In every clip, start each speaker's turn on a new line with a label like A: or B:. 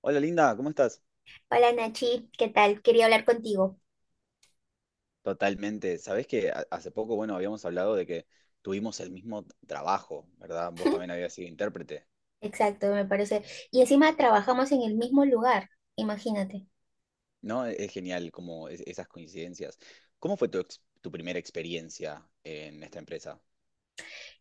A: Hola Linda, ¿cómo estás?
B: Hola Nachi, ¿qué tal? Quería hablar contigo.
A: Totalmente. Sabés que hace poco, bueno, habíamos hablado de que tuvimos el mismo trabajo, ¿verdad? Vos también habías sido intérprete,
B: Exacto, me parece. Y encima trabajamos en el mismo lugar, imagínate.
A: ¿no? Es genial como esas coincidencias. ¿Cómo fue tu primera experiencia en esta empresa?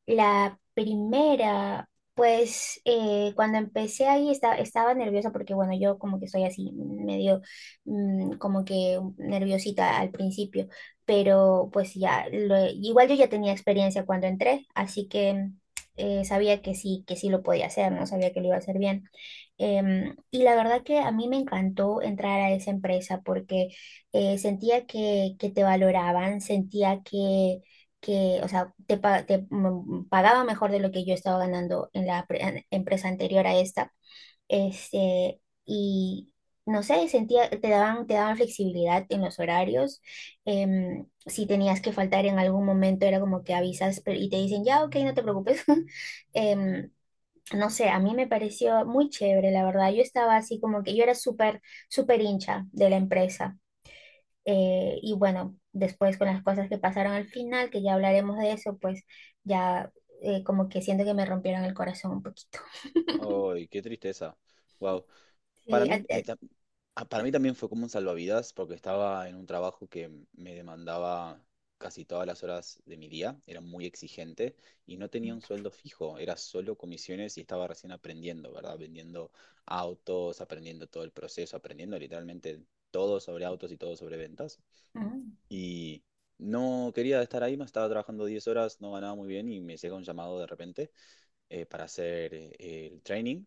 B: La primera, pues cuando empecé ahí estaba nerviosa porque, bueno, yo como que soy así, medio como que nerviosita al principio, pero pues ya, igual yo ya tenía experiencia cuando entré, así que sabía que sí lo podía hacer, no sabía que lo iba a hacer bien. Y la verdad que a mí me encantó entrar a esa empresa porque sentía que te valoraban, sentía que, o sea, te pagaba mejor de lo que yo estaba ganando en la empresa anterior a esta. Este, y no sé, sentía, te daban flexibilidad en los horarios. Si tenías que faltar en algún momento, era como que avisas y te dicen, ya, ok, no te preocupes. Em, no sé, a mí me pareció muy chévere, la verdad. Yo estaba así como que yo era súper, súper hincha de la empresa. Y bueno, después con las cosas que pasaron al final, que ya hablaremos de eso, pues ya como que siento que me rompieron el corazón un poquito.
A: ¡Ay, qué tristeza! Wow. Para
B: Sí, a-
A: mí, eh,
B: a-
A: ta- para mí también fue como un salvavidas porque estaba en un trabajo que me demandaba casi todas las horas de mi día, era muy exigente y no tenía un sueldo fijo, era solo comisiones y estaba recién aprendiendo, ¿verdad? Vendiendo autos, aprendiendo todo el proceso, aprendiendo literalmente todo sobre autos y todo sobre ventas.
B: Ujú,
A: Y no quería estar ahí, me estaba trabajando 10 horas, no ganaba muy bien y me llega un llamado de repente para hacer el training.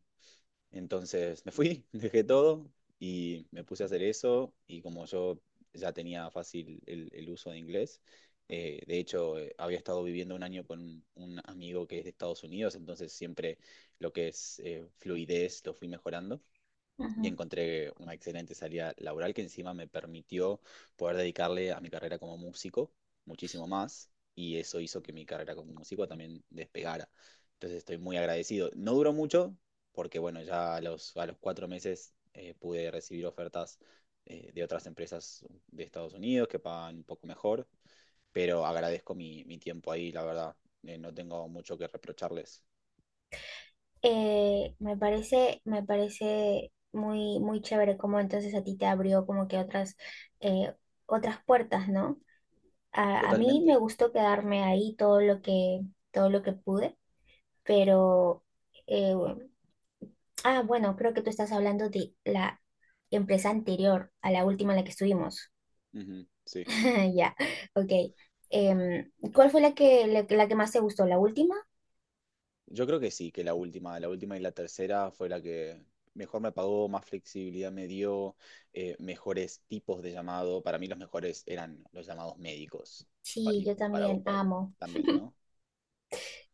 A: Entonces me fui, dejé todo y me puse a hacer eso, y como yo ya tenía fácil el uso de inglés, de hecho, había estado viviendo un año con un amigo que es de Estados Unidos. Entonces siempre lo que es fluidez lo fui mejorando, y
B: ujú.
A: encontré una excelente salida laboral que encima me permitió poder dedicarle a mi carrera como músico muchísimo más, y eso hizo que mi carrera como músico también despegara. Entonces estoy muy agradecido. No duró mucho porque, bueno, ya a los 4 meses pude recibir ofertas de otras empresas de Estados Unidos que pagan un poco mejor, pero agradezco mi tiempo ahí, la verdad. No tengo mucho que reprocharles.
B: Me parece, muy, muy chévere cómo entonces a ti te abrió como que otras, eh, otras puertas, ¿no? A mí me
A: Totalmente.
B: gustó quedarme ahí todo lo que pude. Pero, eh, bueno, creo que tú estás hablando de la empresa anterior a la última en la que estuvimos.
A: Ujú, sí.
B: Ya, ok. ¿Cuál fue la que, la que más te gustó? ¿La última?
A: Yo creo que sí, que la última y la tercera fue la que mejor me pagó, más flexibilidad me dio, mejores tipos de llamado. Para mí los mejores eran los llamados médicos. Pa-
B: Sí,
A: y
B: yo
A: para vos,
B: también
A: ¿cuál?
B: amo.
A: También, ¿no?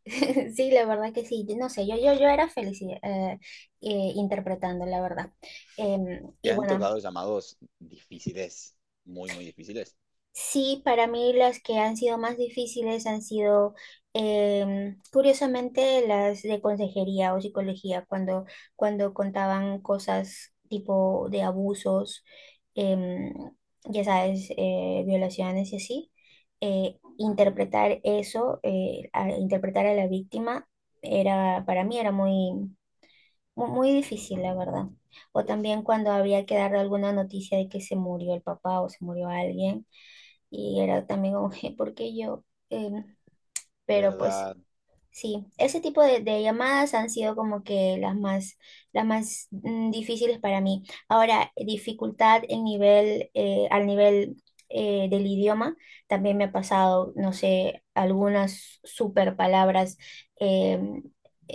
B: Sí, la verdad que sí. No sé, yo era feliz interpretando, la verdad.
A: ¿Te
B: Y
A: han
B: bueno.
A: tocado llamados difíciles? Muy, muy difíciles.
B: Sí, para mí las que han sido más difíciles han sido, curiosamente, las de consejería o psicología, cuando contaban cosas tipo de abusos, em, ya sabes, violaciones y así. Interpretar eso, interpretar a la víctima, era, para mí era muy, muy difícil, la verdad. O
A: Uf,
B: también cuando había que dar alguna noticia de que se murió el papá o se murió alguien y era también un G porque yo, em, pero pues.
A: ¿verdad?
B: Sí, ese tipo de llamadas han sido como que las más, las más difíciles para mí. Ahora, dificultad al nivel del idioma, también me ha pasado, no sé, algunas super palabras, eh,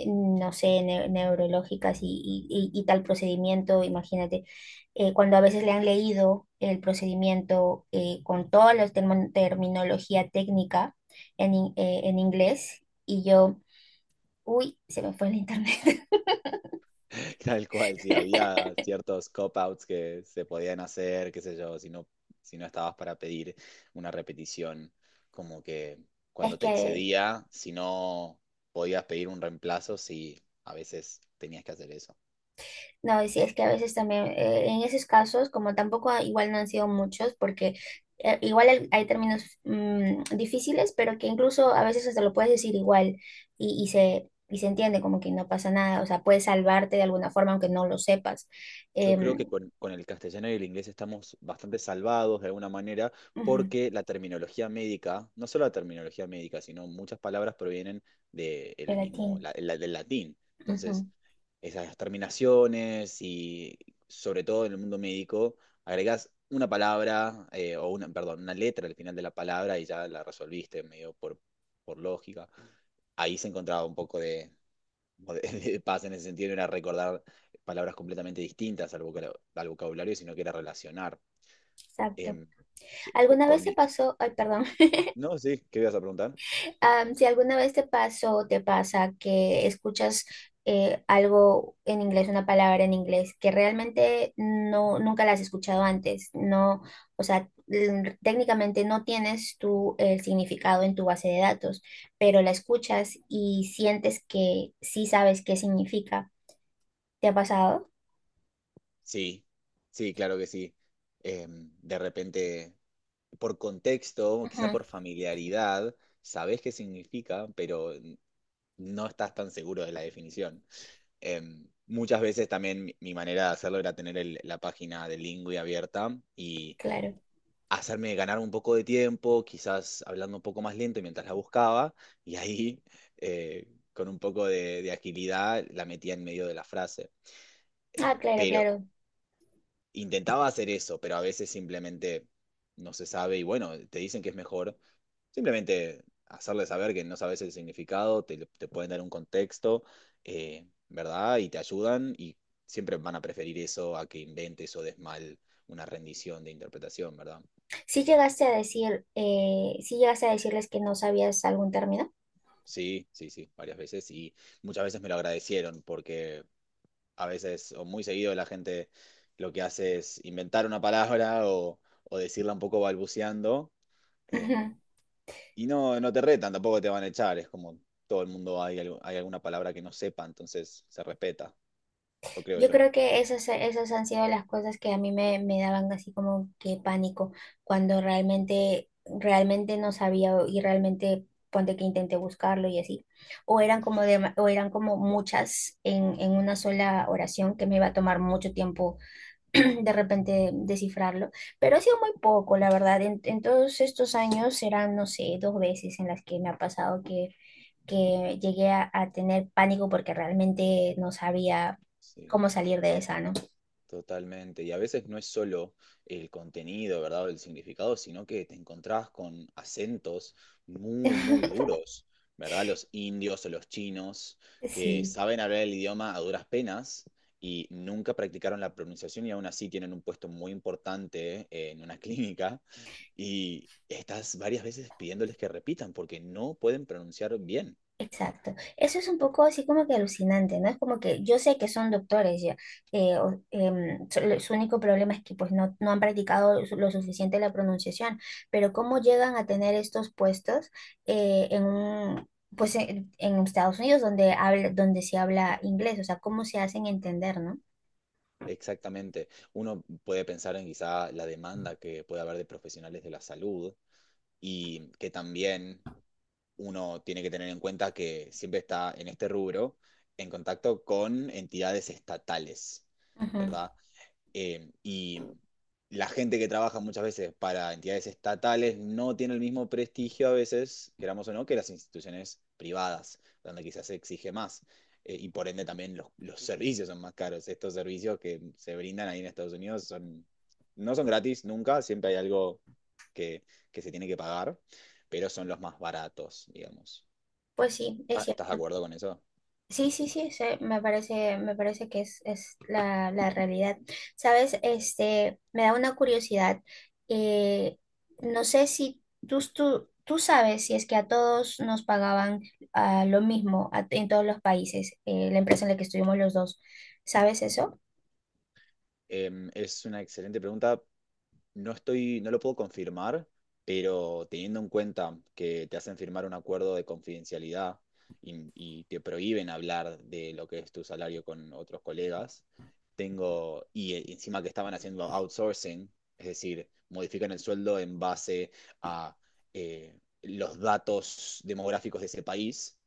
B: no sé, neurológicas y tal procedimiento, imagínate, cuando a veces le han leído el procedimiento con toda la terminología técnica en inglés y yo, uy, se me fue el internet.
A: Tal cual, sí, había ciertos cop-outs que se podían hacer, qué sé yo, si no estabas para pedir una repetición, como que
B: Es
A: cuando te
B: que,
A: excedía, si no podías pedir un reemplazo, sí, a veces tenías que hacer eso.
B: no, sí, es que a veces también, en esos casos, como tampoco igual no han sido muchos, porque igual hay términos difíciles, pero que incluso a veces hasta lo puedes decir igual Y se entiende como que no pasa nada, o sea, puedes salvarte de alguna forma aunque no lo sepas.
A: Yo creo
B: Em,
A: que con el castellano y el inglés estamos bastante salvados de alguna manera
B: Ujú,
A: porque la terminología médica, no solo la terminología médica, sino muchas palabras provienen de el mismo,
B: gelatina,
A: del latín. Entonces,
B: ujú,
A: esas terminaciones y sobre todo en el mundo médico, agregás una palabra o una, perdón, una letra al final de la palabra y ya la resolviste medio por lógica. Ahí se encontraba un poco como de, de paz en el sentido de no era recordar palabras completamente distintas al vocabulario, sino que era relacionar.
B: exacto.
A: Em, eh, po-
B: ¿Alguna
A: por,
B: vez te
A: mi...
B: pasó? Ay, perdón.
A: No, sí, ¿qué ibas a preguntar?
B: Si alguna vez te pasó o te pasa que escuchas algo en inglés, una palabra en inglés que realmente no, nunca la has escuchado antes, no, o sea, técnicamente no tienes tú el significado en tu base de datos, pero la escuchas y sientes que sí sabes qué significa. ¿Te ha pasado?
A: Sí, sí, claro que sí. De repente, por contexto, quizá
B: Ujú,
A: por familiaridad, sabes qué significa, pero no estás tan seguro de la definición. Muchas veces también mi manera de hacerlo era tener la página de Lingui abierta, y
B: claro.
A: hacerme ganar un poco de tiempo, quizás hablando un poco más lento mientras la buscaba, y ahí con un poco de agilidad la metía en medio de la frase.
B: Ah, claro,
A: Pero
B: claro.
A: intentaba hacer eso, pero a veces simplemente no se sabe y, bueno, te dicen que es mejor simplemente hacerle saber que no sabes el significado, te pueden dar un contexto, ¿verdad? Y te ayudan, y siempre van a preferir eso a que inventes o des mal una rendición de interpretación, ¿verdad?
B: ¿Sí llegaste a decirles que no sabías algún término?
A: Sí, sí, sí, varias veces, y muchas veces me lo agradecieron porque a veces, o muy seguido, la gente lo que hace es inventar una palabra o decirla un poco balbuceando. eh,
B: Ujú.
A: y no te retan, tampoco te van a echar. Es como, todo el mundo hay alguna palabra que no sepa, entonces se respeta, lo creo
B: Yo
A: yo.
B: creo que esas, esas han sido las cosas que a mí me daban así como que pánico cuando realmente, realmente no sabía y realmente ponte que intenté buscarlo y así. O eran como muchas en una sola oración que me iba a tomar mucho tiempo de repente descifrarlo, pero ha sido muy poco, la verdad. En todos estos años serán, no sé, dos veces en las que me ha pasado que llegué a tener pánico porque realmente no sabía
A: Sí.
B: cómo salir de esa, ¿no?
A: Totalmente. Y a veces no es solo el contenido, ¿verdad? O el significado, sino que te encontrás con acentos muy, muy duros, ¿verdad? Los indios o los chinos, que
B: Sí.
A: saben hablar el idioma a duras penas y nunca practicaron la pronunciación, y aún así tienen un puesto muy importante en una clínica, y estás varias veces pidiéndoles que repitan porque no pueden pronunciar bien.
B: Exacto. Eso es un poco así como que alucinante, ¿no? Es como que yo sé que son doctores ya, su único problema es que pues no, no han practicado lo suficiente la pronunciación, pero cómo llegan a tener estos puestos eh, en un, pues en Estados Unidos donde se habla inglés, o sea, cómo se hacen entender, ¿no?
A: Exactamente. Uno puede pensar en quizá la demanda que puede haber de profesionales de la salud, y que también uno tiene que tener en cuenta que siempre está en este rubro en contacto con entidades estatales,
B: Ujú.
A: ¿verdad? Y la gente que trabaja muchas veces para entidades estatales no tiene el mismo prestigio, a veces, queramos o no, que las instituciones privadas, donde quizás se exige más. Y por ende también los servicios son más caros. Estos servicios que se brindan ahí en Estados Unidos son, no son gratis nunca, siempre hay algo que, que se tiene que pagar, pero son los más baratos, digamos.
B: Pues sí, es
A: Ah, ¿estás de
B: cierto.
A: acuerdo con eso?
B: Sí, sí, sí, sí, me parece que es la realidad. Sabes, este, me da una curiosidad. eh, no sé si tú sabes si es que a todos nos pagaban lo mismo en todos los países, la empresa en la que estuvimos los dos. ¿Sabes eso?
A: Es una excelente pregunta. No estoy, no lo puedo confirmar, pero teniendo en cuenta que te hacen firmar un acuerdo de confidencialidad y te prohíben hablar de lo que es tu salario con otros colegas, tengo, y encima que estaban haciendo outsourcing, es decir, modifican el sueldo en base a los datos demográficos de ese país,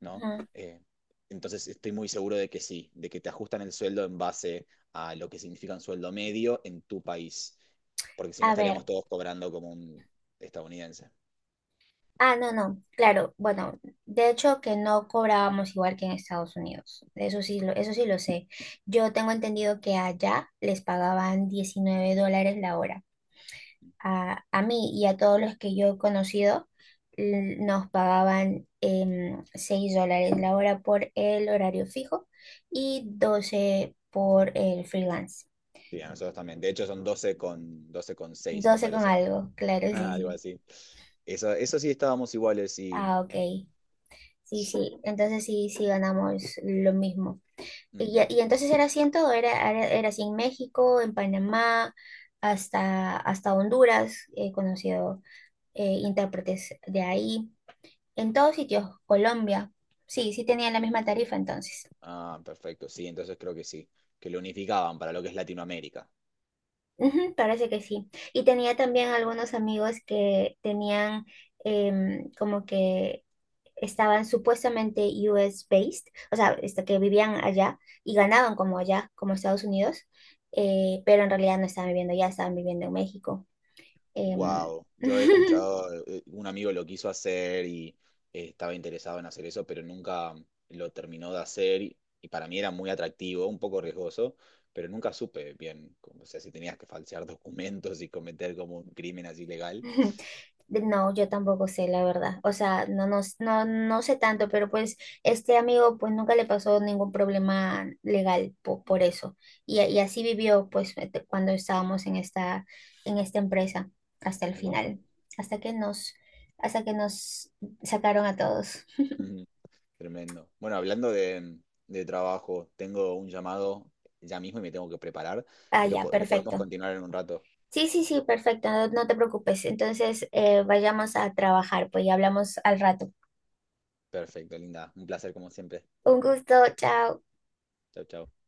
A: ¿no?
B: Ujú.
A: Eh, entonces estoy muy seguro de que sí, de que te ajustan el sueldo en base a lo que significa un sueldo medio en tu país, porque si no
B: A
A: estaríamos
B: ver.
A: todos cobrando como un estadounidense.
B: Ah, no, no, claro, bueno, de hecho que no cobrábamos igual que en Estados Unidos, eso sí lo sé. Yo tengo entendido que allá les pagaban $19 la hora. A mí y a todos los que yo he conocido nos pagaban 6 dólares la hora por el horario fijo y 12 por el freelance.
A: Sí, a nosotros también. De hecho, son doce con seis, me
B: 12 con
A: parece.
B: algo, claro, sí,
A: Algo
B: sí.
A: así. Eso sí estábamos iguales y...
B: Ah, ok. Sí, sí, entonces sí, sí ganamos lo mismo. Y, ya-
A: Ujú.
B: y entonces era así en todo, era así en México, en Panamá, hasta Honduras, he conocido intérpretes de ahí, en todos sitios, Colombia, sí, sí tenían la misma tarifa entonces.
A: Ah, perfecto. Sí, entonces creo que sí. Que lo unificaban para lo que es Latinoamérica.
B: Ujú, parece que sí. Y tenía también algunos amigos que tenían como que estaban supuestamente US based, o sea, este, que vivían allá y ganaban como allá, como Estados Unidos, pero en realidad no estaban viviendo allá, estaban viviendo en México. Em,
A: Wow, yo he escuchado, un amigo lo quiso hacer y estaba interesado en hacer eso, pero nunca lo terminó de hacer, y para mí era muy atractivo, un poco riesgoso, pero nunca supe bien, o sea, si tenías que falsear documentos y cometer como un crimen así legal.
B: No, yo tampoco sé, la verdad. O sea, no, no, no, no sé tanto, pero pues este amigo pues nunca le pasó ningún problema legal por eso. Y así vivió pues este, cuando estábamos en esta empresa hasta el
A: Wow.
B: final, hasta que nos, hasta que nos sacaron a todos.
A: Ujú. Tremendo. Bueno, hablando de trabajo, tengo un llamado ya mismo y me tengo que preparar,
B: Ah,
A: pero
B: ya,
A: lo podemos
B: perfecto.
A: continuar en un rato.
B: Sí, sí, sí, perfecto, no, no te preocupes. Entonces, vayamos a trabajar, pues y hablamos al rato.
A: Perfecto, linda. Un placer como siempre.
B: Un gusto, chao.
A: Chau, chau.